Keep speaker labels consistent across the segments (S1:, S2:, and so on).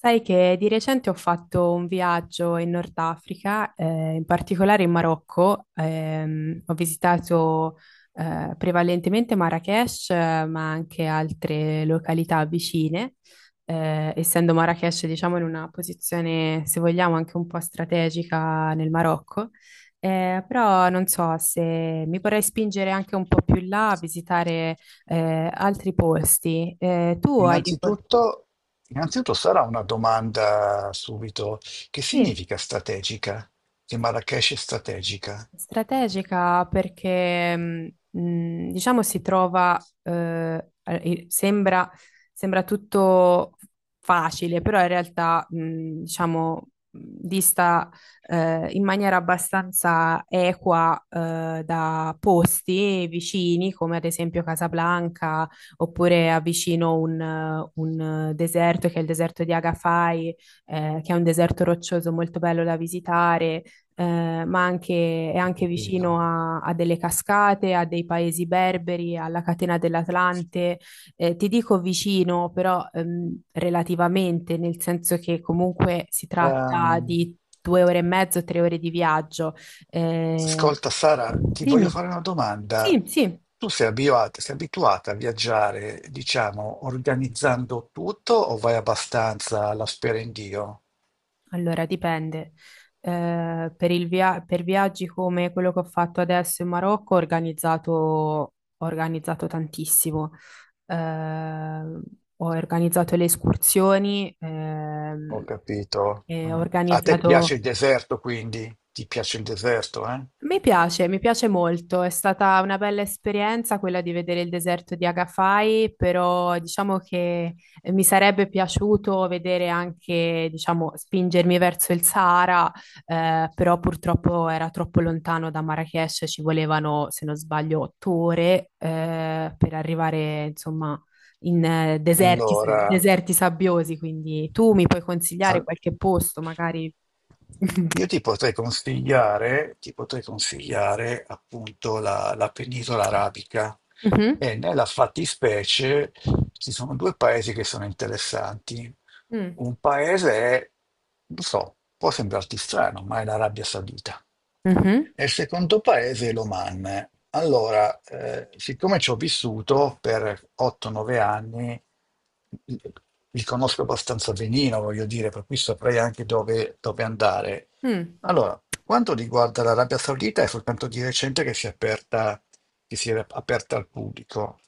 S1: Sai che di recente ho fatto un viaggio in Nord Africa, in particolare in Marocco. Ho visitato prevalentemente Marrakech, ma anche altre località vicine. Essendo Marrakech, diciamo, in una posizione, se vogliamo, anche un po' strategica nel Marocco. Però non so se mi vorrei spingere anche un po' più in là a visitare altri posti. Tu hai... dei po-
S2: Innanzitutto, innanzitutto sarà una domanda subito. Che
S1: Sì.
S2: significa strategica? Che Marrakesh è strategica?
S1: Strategica perché, diciamo, si trova, sembra, sembra tutto facile, però in realtà, diciamo, dista, in maniera abbastanza equa, da posti vicini, come ad esempio Casablanca, oppure avvicino un deserto, che è il deserto di Agafai, che è un deserto roccioso molto bello da visitare ma anche, è
S2: Ho
S1: anche vicino
S2: capito.
S1: a delle cascate, a dei paesi berberi, alla catena dell'Atlante. Ti dico vicino, però relativamente, nel senso che comunque si tratta
S2: Ehm,
S1: di 2 ore e mezzo, 3 ore di viaggio. Eh,
S2: Ascolta Sara, ti voglio
S1: Dimmi,
S2: fare una domanda.
S1: sì, sì.
S2: Sei abituata a viaggiare, diciamo, organizzando tutto o vai abbastanza alla spera in Dio?
S1: Allora, dipende. Per il per viaggi come quello che ho fatto adesso in Marocco, ho organizzato tantissimo. Eh, Ho organizzato le escursioni,
S2: Ho capito.
S1: e ho Bello.
S2: Mm. A te piace
S1: Organizzato,
S2: il deserto, quindi? Ti piace il deserto, eh?
S1: mi piace, mi piace molto, è stata una bella esperienza quella di vedere il deserto di Agafai, però diciamo che mi sarebbe piaciuto vedere anche, diciamo, spingermi verso il Sahara, però purtroppo era troppo lontano da Marrakech, ci volevano, se non sbaglio, 8 ore, per arrivare, insomma, in deserti,
S2: Allora,
S1: deserti sabbiosi, quindi tu mi puoi consigliare
S2: al-
S1: qualche posto, magari...
S2: io ti potrei consigliare appunto la penisola arabica
S1: Mhm.
S2: e nella fattispecie ci sono due paesi che sono interessanti.
S1: Mm.
S2: Un paese è, lo so, può sembrarti strano, ma è l'Arabia Saudita.
S1: Mhm.
S2: E il secondo paese è l'Oman. Allora, siccome ci ho vissuto per 8-9 anni, li conosco abbastanza benino, voglio dire, per cui saprei anche dove andare.
S1: Mm.
S2: Allora, quanto riguarda l'Arabia Saudita, è soltanto di recente che si è aperta, che si era aperta al pubblico.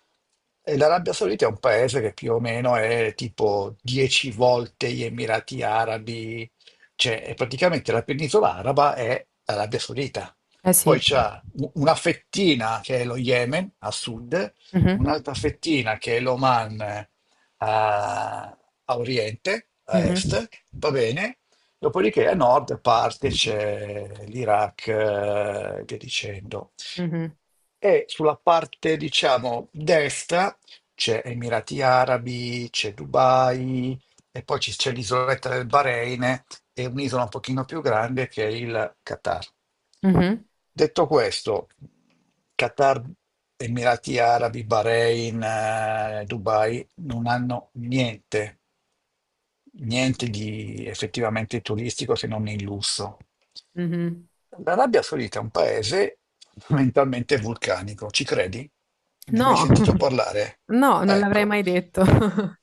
S2: E l'Arabia Saudita è un paese che più o meno è tipo 10 volte gli Emirati Arabi, cioè è praticamente la penisola araba è l'Arabia Saudita.
S1: Eh
S2: Poi
S1: sì.
S2: c'è una fettina che è lo Yemen a sud,
S1: Mhm.
S2: un'altra fettina che è l'Oman, a, a oriente, a
S1: Mhm.
S2: est, va bene. Dopodiché a nord parte c'è l'Iraq, e via dicendo
S1: Mhm.
S2: e sulla parte, diciamo, destra c'è Emirati Arabi, c'è Dubai e poi c'è l'isoletta del Bahrain e un'isola un pochino più grande che è il Qatar.
S1: Mhm.
S2: Detto questo, Qatar, Emirati Arabi, Bahrain, Dubai non hanno niente di effettivamente turistico se non il lusso.
S1: Mhm.
S2: L'Arabia Saudita è un paese fondamentalmente vulcanico, ci credi? Ne hai mai
S1: No,
S2: sentito parlare?
S1: no, non l'avrei
S2: Ecco.
S1: mai detto.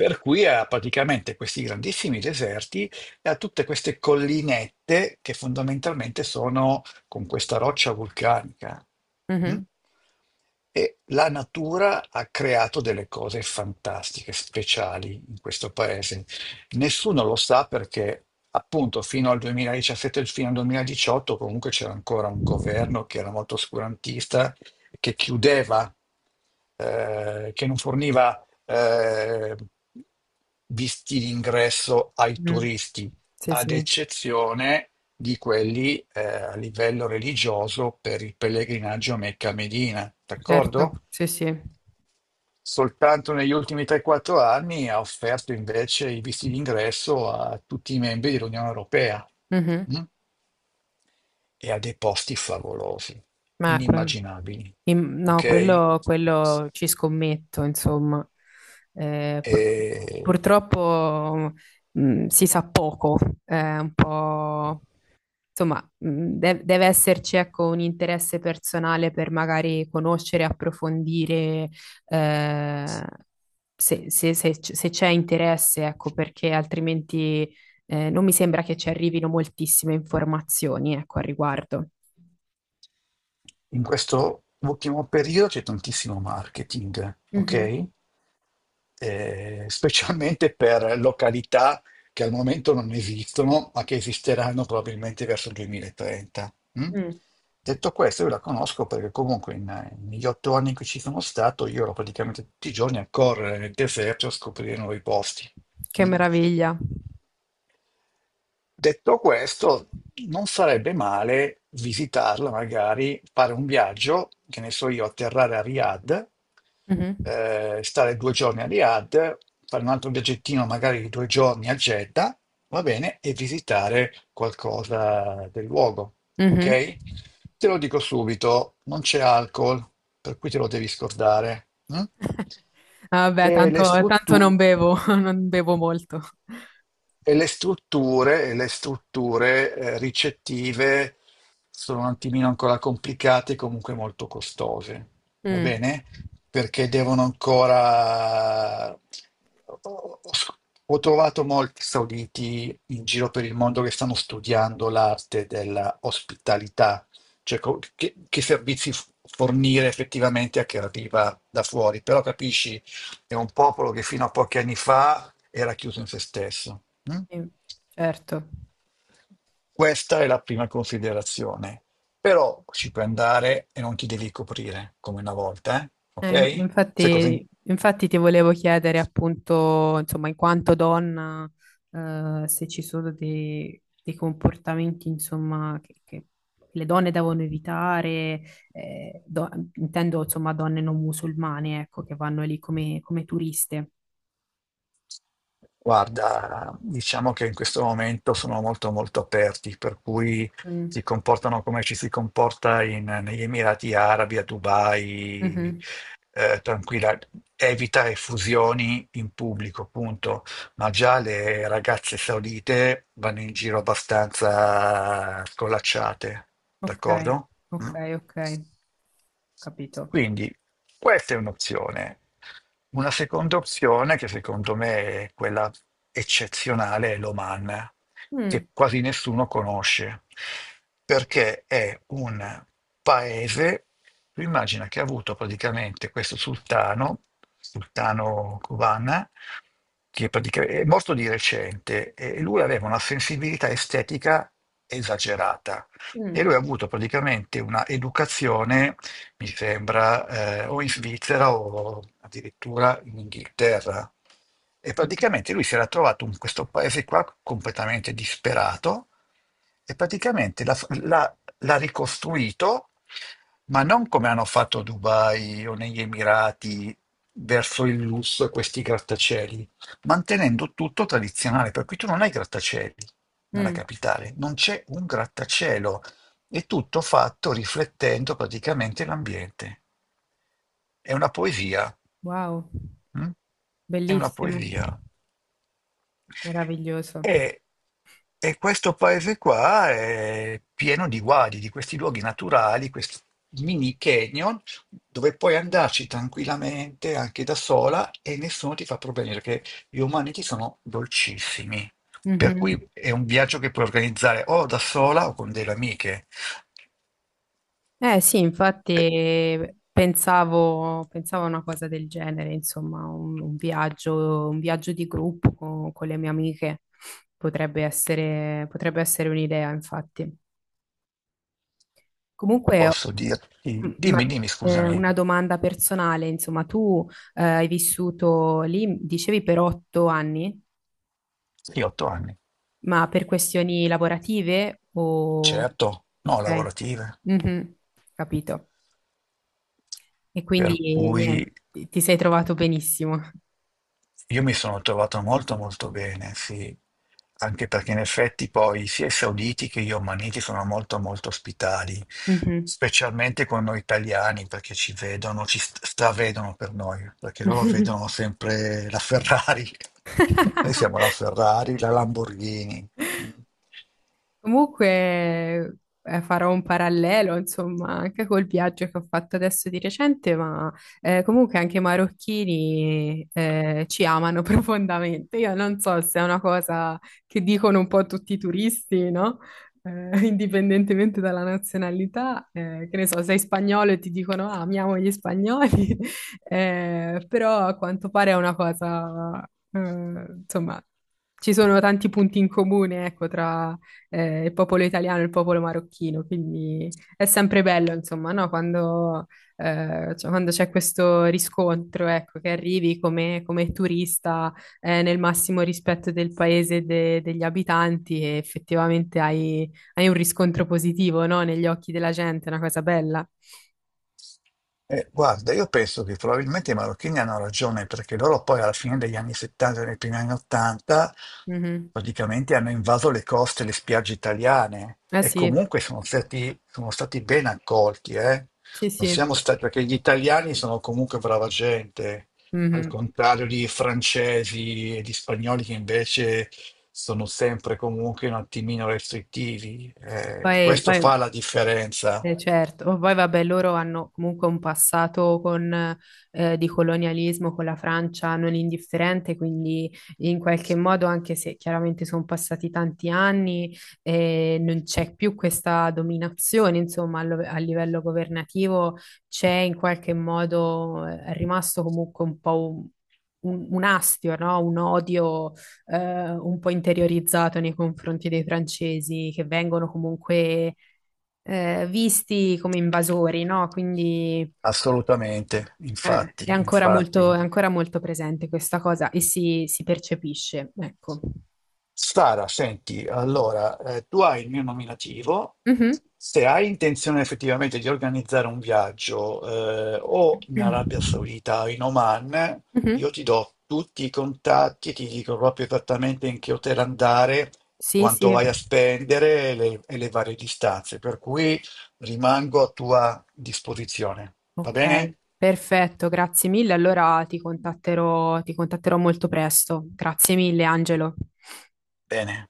S2: Per cui ha praticamente questi grandissimi deserti e ha tutte queste collinette che fondamentalmente sono con questa roccia vulcanica. Mm?
S1: Mhm.
S2: E la natura ha creato delle cose fantastiche, speciali in questo paese. Nessuno lo sa perché appunto fino al 2017 e fino al 2018 comunque c'era ancora un governo che era molto oscurantista, che chiudeva, che non forniva eh, visti d'ingresso ai
S1: Mhm.
S2: turisti,
S1: Sì,
S2: ad
S1: sì,
S2: eccezione di quelli a livello religioso per il pellegrinaggio a Mecca e Medina,
S1: certo,
S2: d'accordo?
S1: sì, sì.
S2: Soltanto negli ultimi 3-4 anni ha offerto invece i visti d'ingresso a tutti i membri dell'Unione Europea
S1: Mhm.
S2: mm? e a dei posti favolosi,
S1: Ma ecco.
S2: inimmaginabili, ok?
S1: No, quello ci scommetto, insomma. Eh, pur-
S2: E,
S1: purtroppo si sa poco, è un po'... Insomma, deve esserci ecco, un interesse personale per magari conoscere, approfondire, eh, se, se se c'è interesse, ecco, perché altrimenti non mi sembra che ci arrivino moltissime informazioni, ecco, al riguardo.
S2: in questo ultimo periodo c'è tantissimo marketing,
S1: Mhm.
S2: ok? Specialmente per località che al momento non esistono, ma che esisteranno probabilmente verso il 2030. Mm?
S1: Mm.
S2: Detto questo, io la conosco perché comunque negli 8 anni in cui ci sono stato, io ero praticamente tutti i giorni a correre nel deserto a scoprire nuovi posti.
S1: Che
S2: Mm?
S1: meraviglia.
S2: Detto questo, non sarebbe male visitarla, magari fare un viaggio, che ne so io, atterrare a Riyadh,
S1: Mhm,
S2: stare 2 giorni a Riyadh, fare un altro viaggettino magari di 2 giorni a Jeddah, va bene, e visitare qualcosa del luogo,
S1: mhm.
S2: ok? Te lo dico subito, non c'è alcol, per cui te lo devi scordare. Mm?
S1: Vabbè,
S2: E le
S1: tanto, tanto
S2: strutture.
S1: non bevo, non bevo molto.
S2: E le strutture ricettive sono un attimino ancora complicate e comunque molto costose, va
S1: Mm,
S2: bene? Perché devono ancora... Ho ho- ho trovato molti sauditi in giro per il mondo che stanno studiando l'arte della ospitalità, cioè che servizi fornire effettivamente a chi arriva da fuori. Però capisci, è un popolo che fino a pochi anni fa era chiuso in se stesso. Mm?
S1: sì, certo.
S2: Questa è la prima considerazione. Però ci puoi andare e non ti devi coprire come una volta, eh? Ok? Sai cosa? in-
S1: Infatti, infatti ti volevo chiedere appunto, insomma, in quanto donna, se ci sono dei, dei comportamenti, insomma, che le donne devono evitare, intendo, insomma, donne non musulmane, ecco, che vanno lì come, come turiste.
S2: Guarda, diciamo che in questo momento sono molto molto aperti, per cui
S1: Mm,
S2: si comportano come ci si comporta negli Emirati Arabi, a Dubai,
S1: mhm.
S2: tranquilla, evita effusioni in pubblico, punto. Ma già le ragazze saudite vanno in giro abbastanza scolacciate,
S1: Ok,
S2: d'accordo?
S1: ok,
S2: Mm?
S1: ok, capito.
S2: Quindi questa è un'opzione. Una seconda opzione, che secondo me è quella eccezionale, è l'Oman,
S1: Mm,
S2: che quasi nessuno conosce, perché è un paese, tu immagina che ha avuto praticamente questo sultano, sultano Kuban, che è morto di recente, e lui aveva una sensibilità estetica esagerata e
S1: mm,
S2: lui ha avuto praticamente un'educazione mi sembra, o in Svizzera o addirittura in Inghilterra. E
S1: mm,
S2: praticamente lui si era trovato in questo paese qua completamente disperato e praticamente l'ha ricostruito, ma non come hanno fatto a Dubai o negli Emirati verso il lusso e questi grattacieli, mantenendo tutto tradizionale. Per cui tu non hai grattacieli nella
S1: mm.
S2: capitale, non c'è un grattacielo, è tutto fatto riflettendo praticamente l'ambiente. È una poesia.
S1: Wow,
S2: Mm? È una
S1: bellissimo,
S2: poesia.
S1: meraviglioso.
S2: E, e questo paese qua è pieno di guadi, di questi luoghi naturali, questi mini canyon, dove puoi andarci tranquillamente anche da sola e nessuno ti fa problemi perché gli umaniti sono dolcissimi. Per
S1: Mhm.
S2: cui è un viaggio che puoi organizzare o da sola o con delle amiche.
S1: Eh sì, infatti
S2: E
S1: pensavo, pensavo a una cosa del genere, insomma, un viaggio di gruppo con le mie amiche potrebbe essere un'idea, infatti. Comunque,
S2: posso dirti,
S1: mm, ma
S2: dimmi, dimmi, scusami,
S1: una domanda personale, insomma, tu hai vissuto lì, dicevi, per 8 anni,
S2: sì, 8 anni,
S1: ma per questioni lavorative o...
S2: certo, no,
S1: Ok,
S2: lavorative.
S1: mhm, capito. E
S2: Per
S1: quindi
S2: cui
S1: niente, ti sei trovato benissimo.
S2: io mi sono trovato molto molto bene, sì, anche perché in effetti poi sia i sauditi che gli omaniti sono molto molto ospitali,
S1: Mhm.
S2: specialmente con noi italiani, perché ci vedono, ci stravedono per noi, perché loro vedono sempre la Ferrari, noi siamo la Ferrari, la Lamborghini. Mm.
S1: Comunque farò un parallelo, insomma, anche col viaggio che ho fatto adesso di recente, ma comunque anche i marocchini ci amano profondamente. Io non so se è una cosa che dicono un po' tutti i turisti, no? Indipendentemente dalla nazionalità, che ne so, sei spagnolo e ti dicono ah, amiamo gli spagnoli, però a quanto pare è una cosa, insomma, ci sono tanti punti in comune, ecco, tra il popolo italiano e il popolo marocchino, quindi è sempre bello, insomma, no? Quando, cioè, quando c'è questo riscontro, ecco, che arrivi come, come turista, nel massimo rispetto del paese e degli abitanti e effettivamente hai, hai un riscontro positivo, no? Negli occhi della gente, è una cosa bella.
S2: Guarda, io penso che probabilmente i marocchini hanno ragione perché loro poi alla fine degli anni 70 e nei primi anni 80
S1: Mhm.
S2: praticamente hanno invaso le coste e le spiagge italiane
S1: Ah
S2: e
S1: sì,
S2: comunque sono stati ben accolti, eh.
S1: sì,
S2: Non
S1: sì.
S2: siamo stati, perché gli italiani sono comunque brava gente, al
S1: Mhm.
S2: contrario di francesi e di spagnoli che invece sono sempre comunque un attimino restrittivi.
S1: Poi,
S2: Questo
S1: poi
S2: fa la differenza.
S1: eh, certo, ma poi vabbè, loro hanno comunque un passato con, di colonialismo con la Francia non indifferente, quindi in qualche modo, anche se chiaramente sono passati tanti anni, non c'è più questa dominazione, insomma, a livello governativo c'è in qualche modo, è rimasto comunque un po' un, un astio, no? Un odio, un po' interiorizzato nei confronti dei francesi che vengono comunque visti come invasori, no? Quindi
S2: Assolutamente, infatti, infatti.
S1: è ancora molto presente questa cosa e si percepisce, ecco.
S2: Sara, senti, allora, tu hai il mio nominativo,
S1: Mhm.
S2: se hai intenzione effettivamente di organizzare un viaggio o in Arabia
S1: Mhm.
S2: Saudita o in Oman, io ti do tutti i contatti, ti dico proprio esattamente in che hotel andare,
S1: Sì,
S2: quanto
S1: sì,
S2: vai a spendere e le varie distanze, per cui rimango a tua disposizione. Va
S1: ok,
S2: bene?
S1: perfetto, grazie mille. Allora ti contatterò molto presto. Grazie mille, Angelo.
S2: Bene.